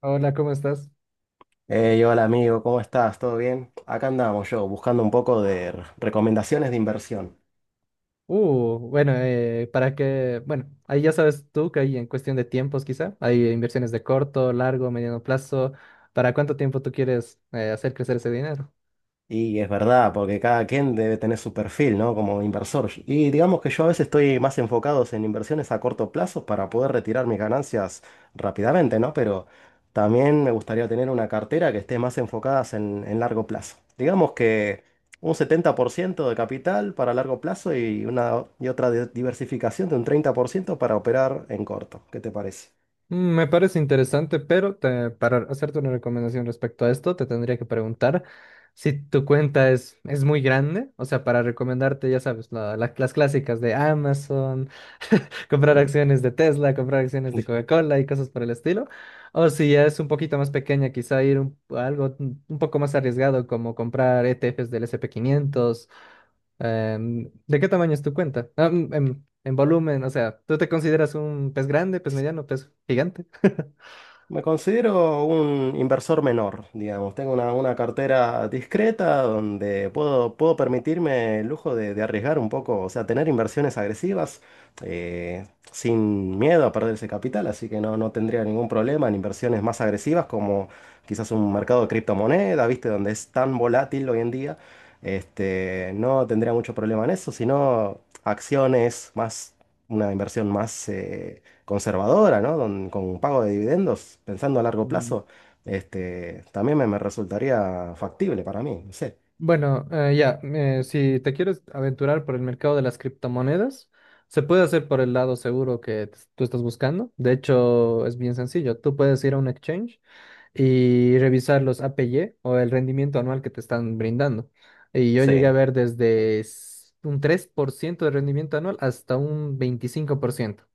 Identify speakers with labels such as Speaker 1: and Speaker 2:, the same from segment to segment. Speaker 1: Hola, ¿cómo estás?
Speaker 2: Hey, hola amigo, ¿cómo estás? ¿Todo bien? Acá andamos yo buscando un poco de recomendaciones de inversión.
Speaker 1: Bueno, para que, bueno, ahí ya sabes tú que hay en cuestión de tiempos quizá, hay inversiones de corto, largo, mediano plazo, ¿para cuánto tiempo tú quieres hacer crecer ese dinero?
Speaker 2: Y es verdad, porque cada quien debe tener su perfil, ¿no? Como inversor. Y digamos que yo a veces estoy más enfocado en inversiones a corto plazo para poder retirar mis ganancias rápidamente, ¿no? Pero también me gustaría tener una cartera que esté más enfocada en largo plazo. Digamos que un 70% de capital para largo plazo y una y otra diversificación de un 30% para operar en corto. ¿Qué te parece?
Speaker 1: Mm, me parece interesante, pero para hacerte una recomendación respecto a esto, te tendría que preguntar si tu cuenta es muy grande, o sea, para recomendarte, ya sabes, las clásicas de Amazon, comprar acciones de Tesla, comprar acciones de Coca-Cola y cosas por el estilo, o si ya es un poquito más pequeña, quizá ir a algo un poco más arriesgado, como comprar ETFs del S&P 500. ¿De qué tamaño es tu cuenta? Ah, mm, en volumen, o sea, ¿tú te consideras un pez grande, pez mediano, pez gigante?
Speaker 2: Me considero un inversor menor, digamos. Tengo una cartera discreta donde puedo permitirme el lujo de arriesgar un poco, o sea, tener inversiones agresivas sin miedo a perder ese capital, así que no, no tendría ningún problema en inversiones más agresivas como quizás un mercado de criptomonedas, ¿viste? Donde es tan volátil hoy en día. Este, no tendría mucho problema en eso, sino acciones más, una inversión más conservadora, ¿no? Con un pago de dividendos, pensando a largo
Speaker 1: Mm,
Speaker 2: plazo, este, también me resultaría factible para mí, no sé.
Speaker 1: bueno, si te quieres aventurar por el mercado de las criptomonedas, se puede hacer por el lado seguro que tú estás buscando. De hecho, es bien sencillo. Tú puedes ir a un exchange y revisar los APY o el rendimiento anual que te están brindando. Y yo llegué a
Speaker 2: Sí,
Speaker 1: ver desde un 3% de rendimiento anual hasta un 25%.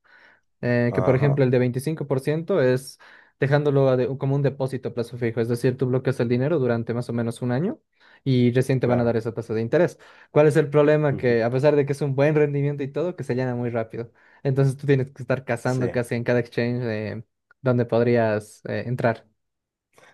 Speaker 1: Que por ejemplo
Speaker 2: ajá,
Speaker 1: el de 25% es dejándolo como un depósito a plazo fijo, es decir, tú bloqueas el dinero durante más o menos un año y recién te van a dar
Speaker 2: claro.
Speaker 1: esa tasa de interés. ¿Cuál es el problema? Que
Speaker 2: Ujú.
Speaker 1: a pesar de que es un buen rendimiento y todo, que se llena muy rápido. Entonces tú tienes que estar
Speaker 2: Sí,
Speaker 1: cazando casi en cada exchange donde podrías entrar.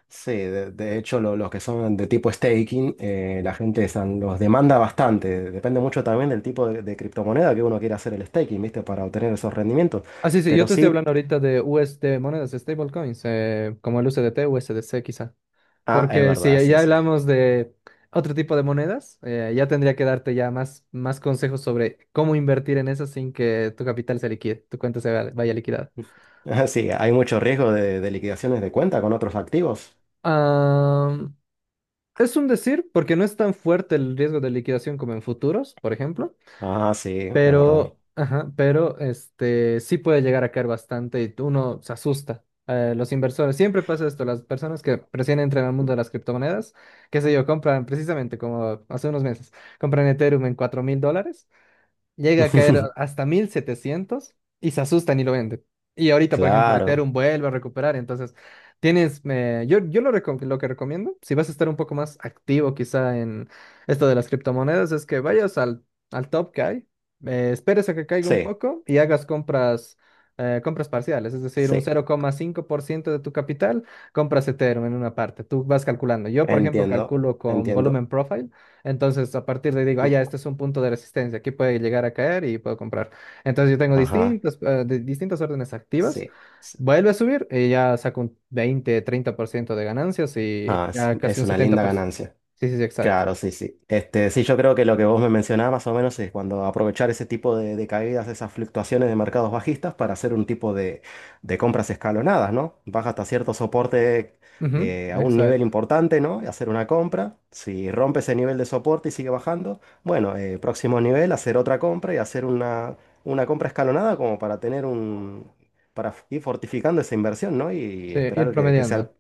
Speaker 2: sí, de hecho los que son de tipo staking, la gente los demanda bastante, depende mucho también del tipo de criptomoneda que uno quiera hacer el staking, ¿viste? Para obtener esos rendimientos.
Speaker 1: Ah, sí, sí, yo
Speaker 2: Pero
Speaker 1: te estoy
Speaker 2: sí,
Speaker 1: hablando ahorita de USD, monedas stablecoins, como el USDT, USDC quizá.
Speaker 2: ah, es
Speaker 1: Porque si
Speaker 2: verdad, sí,
Speaker 1: ya
Speaker 2: sí.
Speaker 1: hablamos de otro tipo de monedas, ya tendría que darte ya más, más consejos sobre cómo invertir en eso sin que tu capital se liquide, tu cuenta se vaya, vaya liquidada.
Speaker 2: Sí, hay mucho riesgo de liquidaciones de cuenta con otros activos.
Speaker 1: Ah, es un decir, porque no es tan fuerte el riesgo de liquidación como en futuros, por ejemplo.
Speaker 2: Ah, sí, es verdad.
Speaker 1: Pero, ajá, pero este sí puede llegar a caer bastante y uno se asusta. Los inversores, siempre pasa esto, las personas que recién entran al mundo de las criptomonedas, qué sé yo, compran precisamente como hace unos meses, compran Ethereum en $4000, llega a caer hasta 1700 y se asustan y lo venden. Y ahorita, por ejemplo,
Speaker 2: Claro,
Speaker 1: Ethereum vuelve a recuperar, entonces tienes, lo que recomiendo, si vas a estar un poco más activo quizá en esto de las criptomonedas, es que vayas al top que hay, esperes a que caiga un
Speaker 2: sí,
Speaker 1: poco y hagas compras. Compras parciales, es decir, un
Speaker 2: sí,
Speaker 1: 0,5% de tu capital, compras Ethereum en una parte, tú vas calculando. Yo, por ejemplo,
Speaker 2: entiendo,
Speaker 1: calculo con Volumen
Speaker 2: entiendo.
Speaker 1: Profile, entonces, a partir de ahí digo, ah, ya,
Speaker 2: Mm,
Speaker 1: este es un punto de resistencia, aquí puede llegar a caer y puedo comprar. Entonces, yo tengo
Speaker 2: ajá,
Speaker 1: distintos, distintas órdenes activas,
Speaker 2: sí, sí.
Speaker 1: vuelve a subir y ya saco un 20, 30% de ganancias y
Speaker 2: Ah, es,
Speaker 1: ya casi
Speaker 2: es
Speaker 1: un
Speaker 2: una linda
Speaker 1: 70%.
Speaker 2: ganancia.
Speaker 1: Sí, sí, sí, exacto.
Speaker 2: Claro, sí, sí. Este, sí, yo creo que lo que vos me mencionabas más o menos es cuando aprovechar ese tipo de caídas, esas fluctuaciones de mercados bajistas para hacer un tipo de compras escalonadas, ¿no? Baja hasta cierto soporte
Speaker 1: Ujú,
Speaker 2: a un nivel
Speaker 1: exacto.
Speaker 2: importante, ¿no? Y hacer una compra. Si rompe ese nivel de soporte y sigue bajando, bueno, próximo nivel, hacer otra compra y hacer una compra escalonada como para tener un. Para ir fortificando esa inversión, ¿no? Y
Speaker 1: Sí, ir
Speaker 2: esperar que sea el.
Speaker 1: promediando.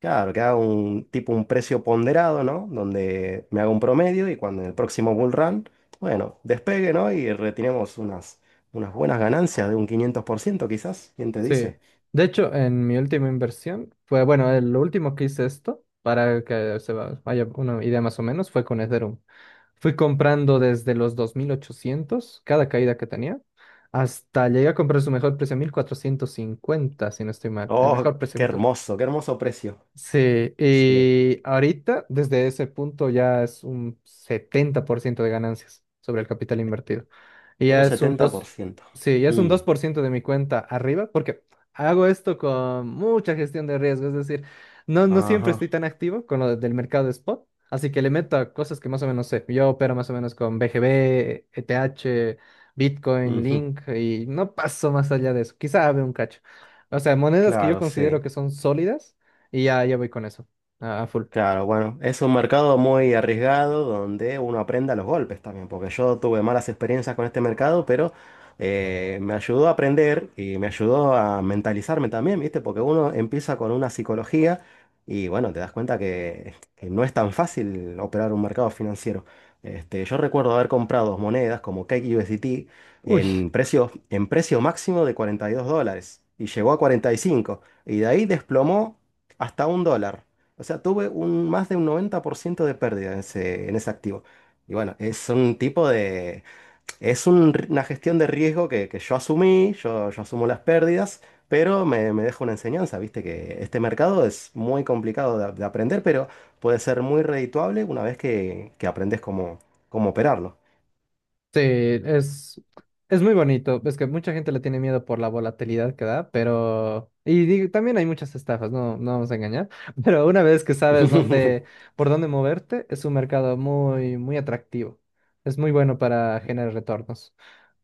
Speaker 2: Claro, que haga un tipo un precio ponderado, ¿no? Donde me haga un promedio y cuando en el próximo bull run, bueno, despegue, ¿no? Y retiremos unas buenas ganancias de un 500% quizás. ¿Quién te
Speaker 1: Sí.
Speaker 2: dice?
Speaker 1: De hecho, en mi última inversión fue, bueno, lo último que hice esto, para que vaya una idea más o menos, fue con Ethereum. Fui comprando desde los 2800 cada caída que tenía, hasta llegué a comprar su mejor precio, 1450 si no estoy mal. El
Speaker 2: Oh,
Speaker 1: mejor precio que tuvo.
Speaker 2: qué hermoso precio.
Speaker 1: Sí,
Speaker 2: Sí,
Speaker 1: y ahorita desde ese punto ya es un 70% de ganancias sobre el capital invertido. Y ya
Speaker 2: un
Speaker 1: es un
Speaker 2: setenta por
Speaker 1: dos,
Speaker 2: ciento
Speaker 1: sí, ya es un
Speaker 2: Mm,
Speaker 1: 2% de mi cuenta arriba porque hago esto con mucha gestión de riesgo, es decir, no, no siempre
Speaker 2: ajá.
Speaker 1: estoy tan activo con del mercado de spot, así que le meto a cosas que más o menos sé. Yo opero más o menos con BGB, ETH, Bitcoin,
Speaker 2: Ujú.
Speaker 1: Link y no paso más allá de eso. Quizá abre un cacho. O sea, monedas que yo
Speaker 2: Claro,
Speaker 1: considero
Speaker 2: sí.
Speaker 1: que son sólidas y ya, ya voy con eso, a full.
Speaker 2: Claro, bueno, es un mercado muy arriesgado donde uno aprenda los golpes también, porque yo tuve malas experiencias con este mercado, pero me ayudó a aprender y me ayudó a mentalizarme también, ¿viste? Porque uno empieza con una psicología y bueno, te das cuenta que no es tan fácil operar un mercado financiero. Este, yo recuerdo haber comprado monedas como Cake USDT
Speaker 1: Uy,
Speaker 2: en precio máximo de $42 y llegó a 45 y cinco y de ahí desplomó hasta $1. O sea, tuve más de un 90% de pérdida en ese activo. Y bueno, es un tipo de. Una gestión de riesgo que yo asumí, yo asumo las pérdidas, pero me deja una enseñanza, viste, que este mercado es muy complicado de aprender, pero puede ser muy redituable una vez que aprendes cómo operarlo.
Speaker 1: sí, es muy bonito. Es que mucha gente le tiene miedo por la volatilidad que da, pero... Y digo, también hay muchas estafas, no, no vamos a engañar. Pero una vez que sabes dónde, por dónde moverte, es un mercado muy, muy atractivo. Es muy bueno para generar retornos.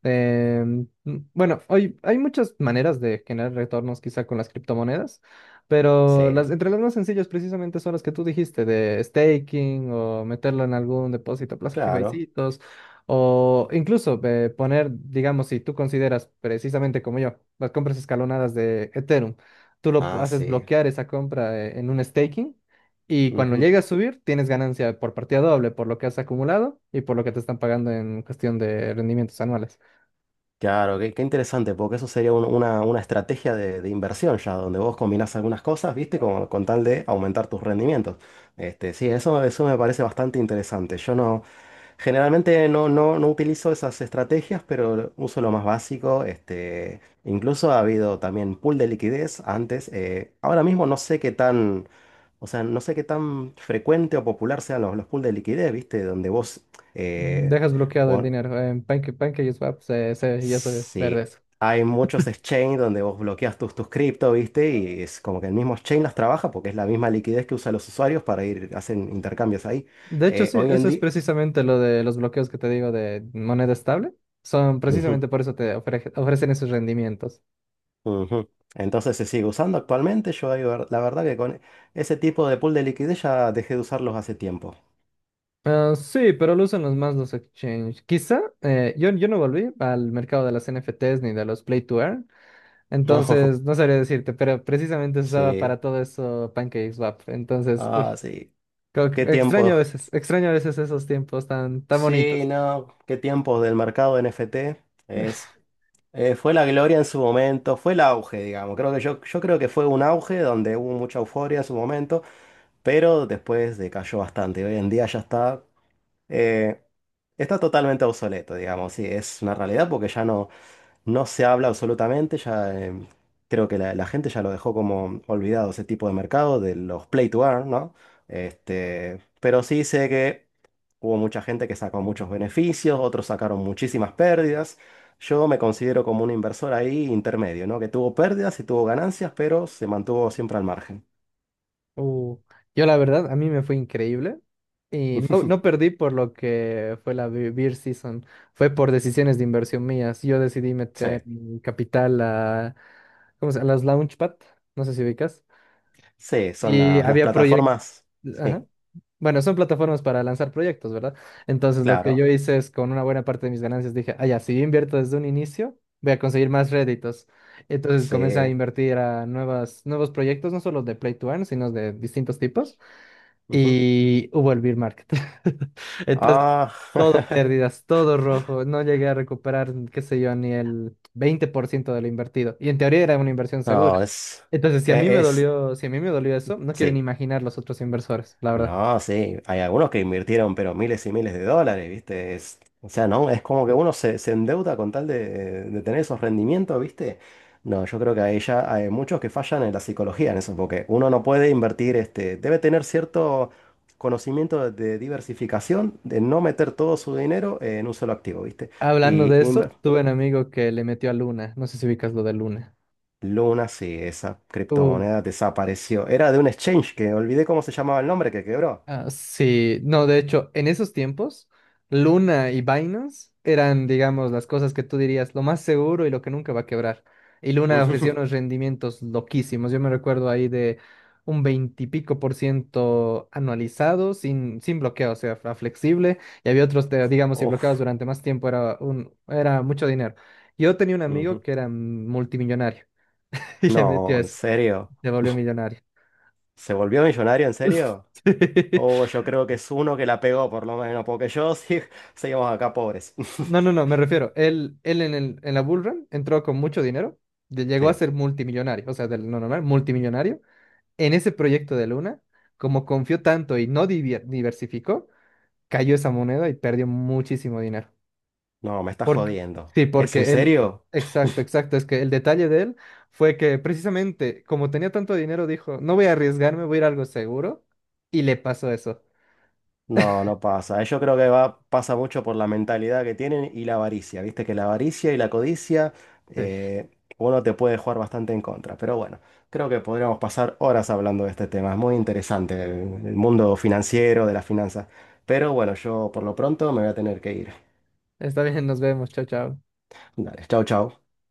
Speaker 1: Eh, m- bueno, hoy hay muchas maneras de generar retornos quizá con las criptomonedas, pero las,
Speaker 2: Sí,
Speaker 1: entre las más sencillas precisamente son las que tú dijiste, de staking o meterlo en algún depósito a plazo fijo y
Speaker 2: claro.
Speaker 1: citos, o incluso poner, digamos, si tú consideras precisamente como yo, las compras escalonadas de Ethereum, tú
Speaker 2: Ah,
Speaker 1: haces
Speaker 2: sí.
Speaker 1: bloquear esa compra en un staking. Y cuando
Speaker 2: Ujú.
Speaker 1: llegue a subir, tienes ganancia por partida doble, por lo que has acumulado y por lo que te están pagando en cuestión de rendimientos anuales.
Speaker 2: Claro, qué, qué interesante, porque eso sería una estrategia de inversión ya, donde vos combinás algunas cosas, ¿viste? Con tal de aumentar tus rendimientos. Este, sí, eso me parece bastante interesante. Yo no, generalmente no utilizo esas estrategias, pero uso lo más básico. Este, incluso ha habido también pool de liquidez antes. Ahora mismo no sé qué tan, o sea, no sé qué tan frecuente o popular sean los pool de liquidez, ¿viste? Donde vos...
Speaker 1: Mm,
Speaker 2: eh,
Speaker 1: dejas bloqueado el dinero. En Pancake, PancakeSwap ya se ver
Speaker 2: Sí,
Speaker 1: eso.
Speaker 2: hay muchos exchange donde vos bloqueas tus cripto, ¿viste? Y es como que el mismo exchange las trabaja porque es la misma liquidez que usan los usuarios para ir, hacen intercambios ahí.
Speaker 1: De hecho, sí,
Speaker 2: Hoy
Speaker 1: eso
Speaker 2: en
Speaker 1: es
Speaker 2: día.
Speaker 1: precisamente lo de los bloqueos que te digo de moneda estable. Son
Speaker 2: Ujú,
Speaker 1: precisamente por eso te ofrecen esos rendimientos.
Speaker 2: ujú. Entonces se sigue usando actualmente. Yo ahí la verdad que con ese tipo de pool de liquidez ya dejé de usarlos hace tiempo.
Speaker 1: Ah, sí, pero lo usan los más los exchange. Quizá yo no volví al mercado de las NFTs ni de los Play to Earn. Entonces, no sabría decirte, pero precisamente se usaba
Speaker 2: Sí,
Speaker 1: para todo eso PancakeSwap. Entonces,
Speaker 2: ah,
Speaker 1: uy,
Speaker 2: sí. ¿Qué tiempos?
Speaker 1: extraño a veces esos tiempos tan, tan
Speaker 2: Sí,
Speaker 1: bonitos.
Speaker 2: no, qué tiempos del mercado de NFT. Es, Fue la gloria en su momento, fue el auge, digamos. Creo que yo creo que fue un auge donde hubo mucha euforia en su momento, pero después decayó bastante. Hoy en día ya eh, está totalmente obsoleto, digamos. Sí, es una realidad porque ya no se habla absolutamente. Ya, creo que la gente ya lo dejó como olvidado ese tipo de mercado, de los play to earn, ¿no? Este, pero sí sé que. Hubo mucha gente que sacó muchos beneficios, otros sacaron muchísimas pérdidas. Yo me considero como un inversor ahí intermedio, ¿no? Que tuvo pérdidas y tuvo ganancias, pero se mantuvo siempre al margen.
Speaker 1: Uh, yo la verdad, a mí me fue increíble y no, no perdí por lo que fue la beer season, fue por decisiones de inversión mías. Yo decidí
Speaker 2: Sí,
Speaker 1: meter mi capital a, a las Launchpad, no sé si ubicas,
Speaker 2: sí, son
Speaker 1: y
Speaker 2: las
Speaker 1: había proyectos,
Speaker 2: plataformas.
Speaker 1: ajá.
Speaker 2: Sí,
Speaker 1: Bueno, son plataformas para lanzar proyectos, ¿verdad? Entonces lo que yo
Speaker 2: claro,
Speaker 1: hice es con una buena parte de mis ganancias dije, ah, ya, si yo invierto desde un inicio, voy a conseguir más réditos. Entonces comencé a
Speaker 2: sí.
Speaker 1: invertir a nuevos proyectos, no solo de Play to Earn, sino de distintos tipos
Speaker 2: Ujú.
Speaker 1: y hubo el bear market. Entonces,
Speaker 2: Ah,
Speaker 1: todo pérdidas, todo rojo. No llegué a recuperar, qué sé yo, ni el 20% de lo invertido. Y en teoría era una inversión segura.
Speaker 2: no, es
Speaker 1: Entonces, si a mí me
Speaker 2: que es,
Speaker 1: dolió, si a mí me dolió eso, no quiero ni
Speaker 2: sí.
Speaker 1: imaginar los otros inversores, la verdad.
Speaker 2: No, sí, hay algunos que invirtieron pero miles y miles de dólares, ¿viste? O sea, no, es como que uno se endeuda con tal de tener esos rendimientos, ¿viste? No, yo creo que ahí ya hay muchos que fallan en la psicología en eso, porque uno no puede invertir, este, debe tener cierto conocimiento de diversificación, de no meter todo su dinero en un solo activo, ¿viste?
Speaker 1: Hablando
Speaker 2: Y
Speaker 1: de eso,
Speaker 2: inver-
Speaker 1: tuve un amigo que le metió a Luna. No sé si ubicas lo de Luna.
Speaker 2: Luna, sí, esa
Speaker 1: Uh,
Speaker 2: criptomoneda desapareció. Era de un exchange que olvidé cómo se llamaba el nombre que quebró.
Speaker 1: Ah, sí, no, de hecho, en esos tiempos, Luna y Binance eran, digamos, las cosas que tú dirías lo más seguro y lo que nunca va a quebrar. Y Luna ofrecía unos rendimientos loquísimos. Yo me recuerdo ahí de un 20 y pico % anualizado, sin, sin bloqueo, o sea, a flexible. Y había otros, de, digamos, si bloqueabas
Speaker 2: Uf.
Speaker 1: durante más tiempo, era mucho dinero. Yo tenía un amigo
Speaker 2: Ujú.
Speaker 1: que era multimillonario y
Speaker 2: No,
Speaker 1: le metió
Speaker 2: en
Speaker 1: eso,
Speaker 2: serio.
Speaker 1: se volvió millonario.
Speaker 2: ¿Se volvió millonario en serio?
Speaker 1: Sí.
Speaker 2: Oh, yo creo que es uno que la pegó por lo menos, porque yo sí, seguimos acá pobres.
Speaker 1: No, no, no, me refiero. Él en la Bull Run entró con mucho dinero, llegó a
Speaker 2: Sí,
Speaker 1: ser multimillonario, o sea, del no normal, multimillonario. En ese proyecto de Luna, como confió tanto y no diversificó, cayó esa moneda y perdió muchísimo dinero.
Speaker 2: no, me estás
Speaker 1: Porque,
Speaker 2: jodiendo.
Speaker 1: sí,
Speaker 2: ¿Es en
Speaker 1: porque él,
Speaker 2: serio?
Speaker 1: exacto, exacto, es que el detalle de él fue que precisamente como tenía tanto dinero, dijo, no voy a arriesgarme, voy a ir a algo seguro, y le pasó eso.
Speaker 2: No, no pasa. Yo creo pasa mucho por la mentalidad que tienen y la avaricia. Viste que la avaricia y la codicia,
Speaker 1: Sí,
Speaker 2: eh, uno te puede jugar bastante en contra. Pero bueno, creo que podríamos pasar horas hablando de este tema. Es muy interesante el mundo financiero, de las finanzas. Pero bueno, yo por lo pronto me voy a tener que ir.
Speaker 1: está bien, nos vemos, chao, chao.
Speaker 2: Dale, chao, chao.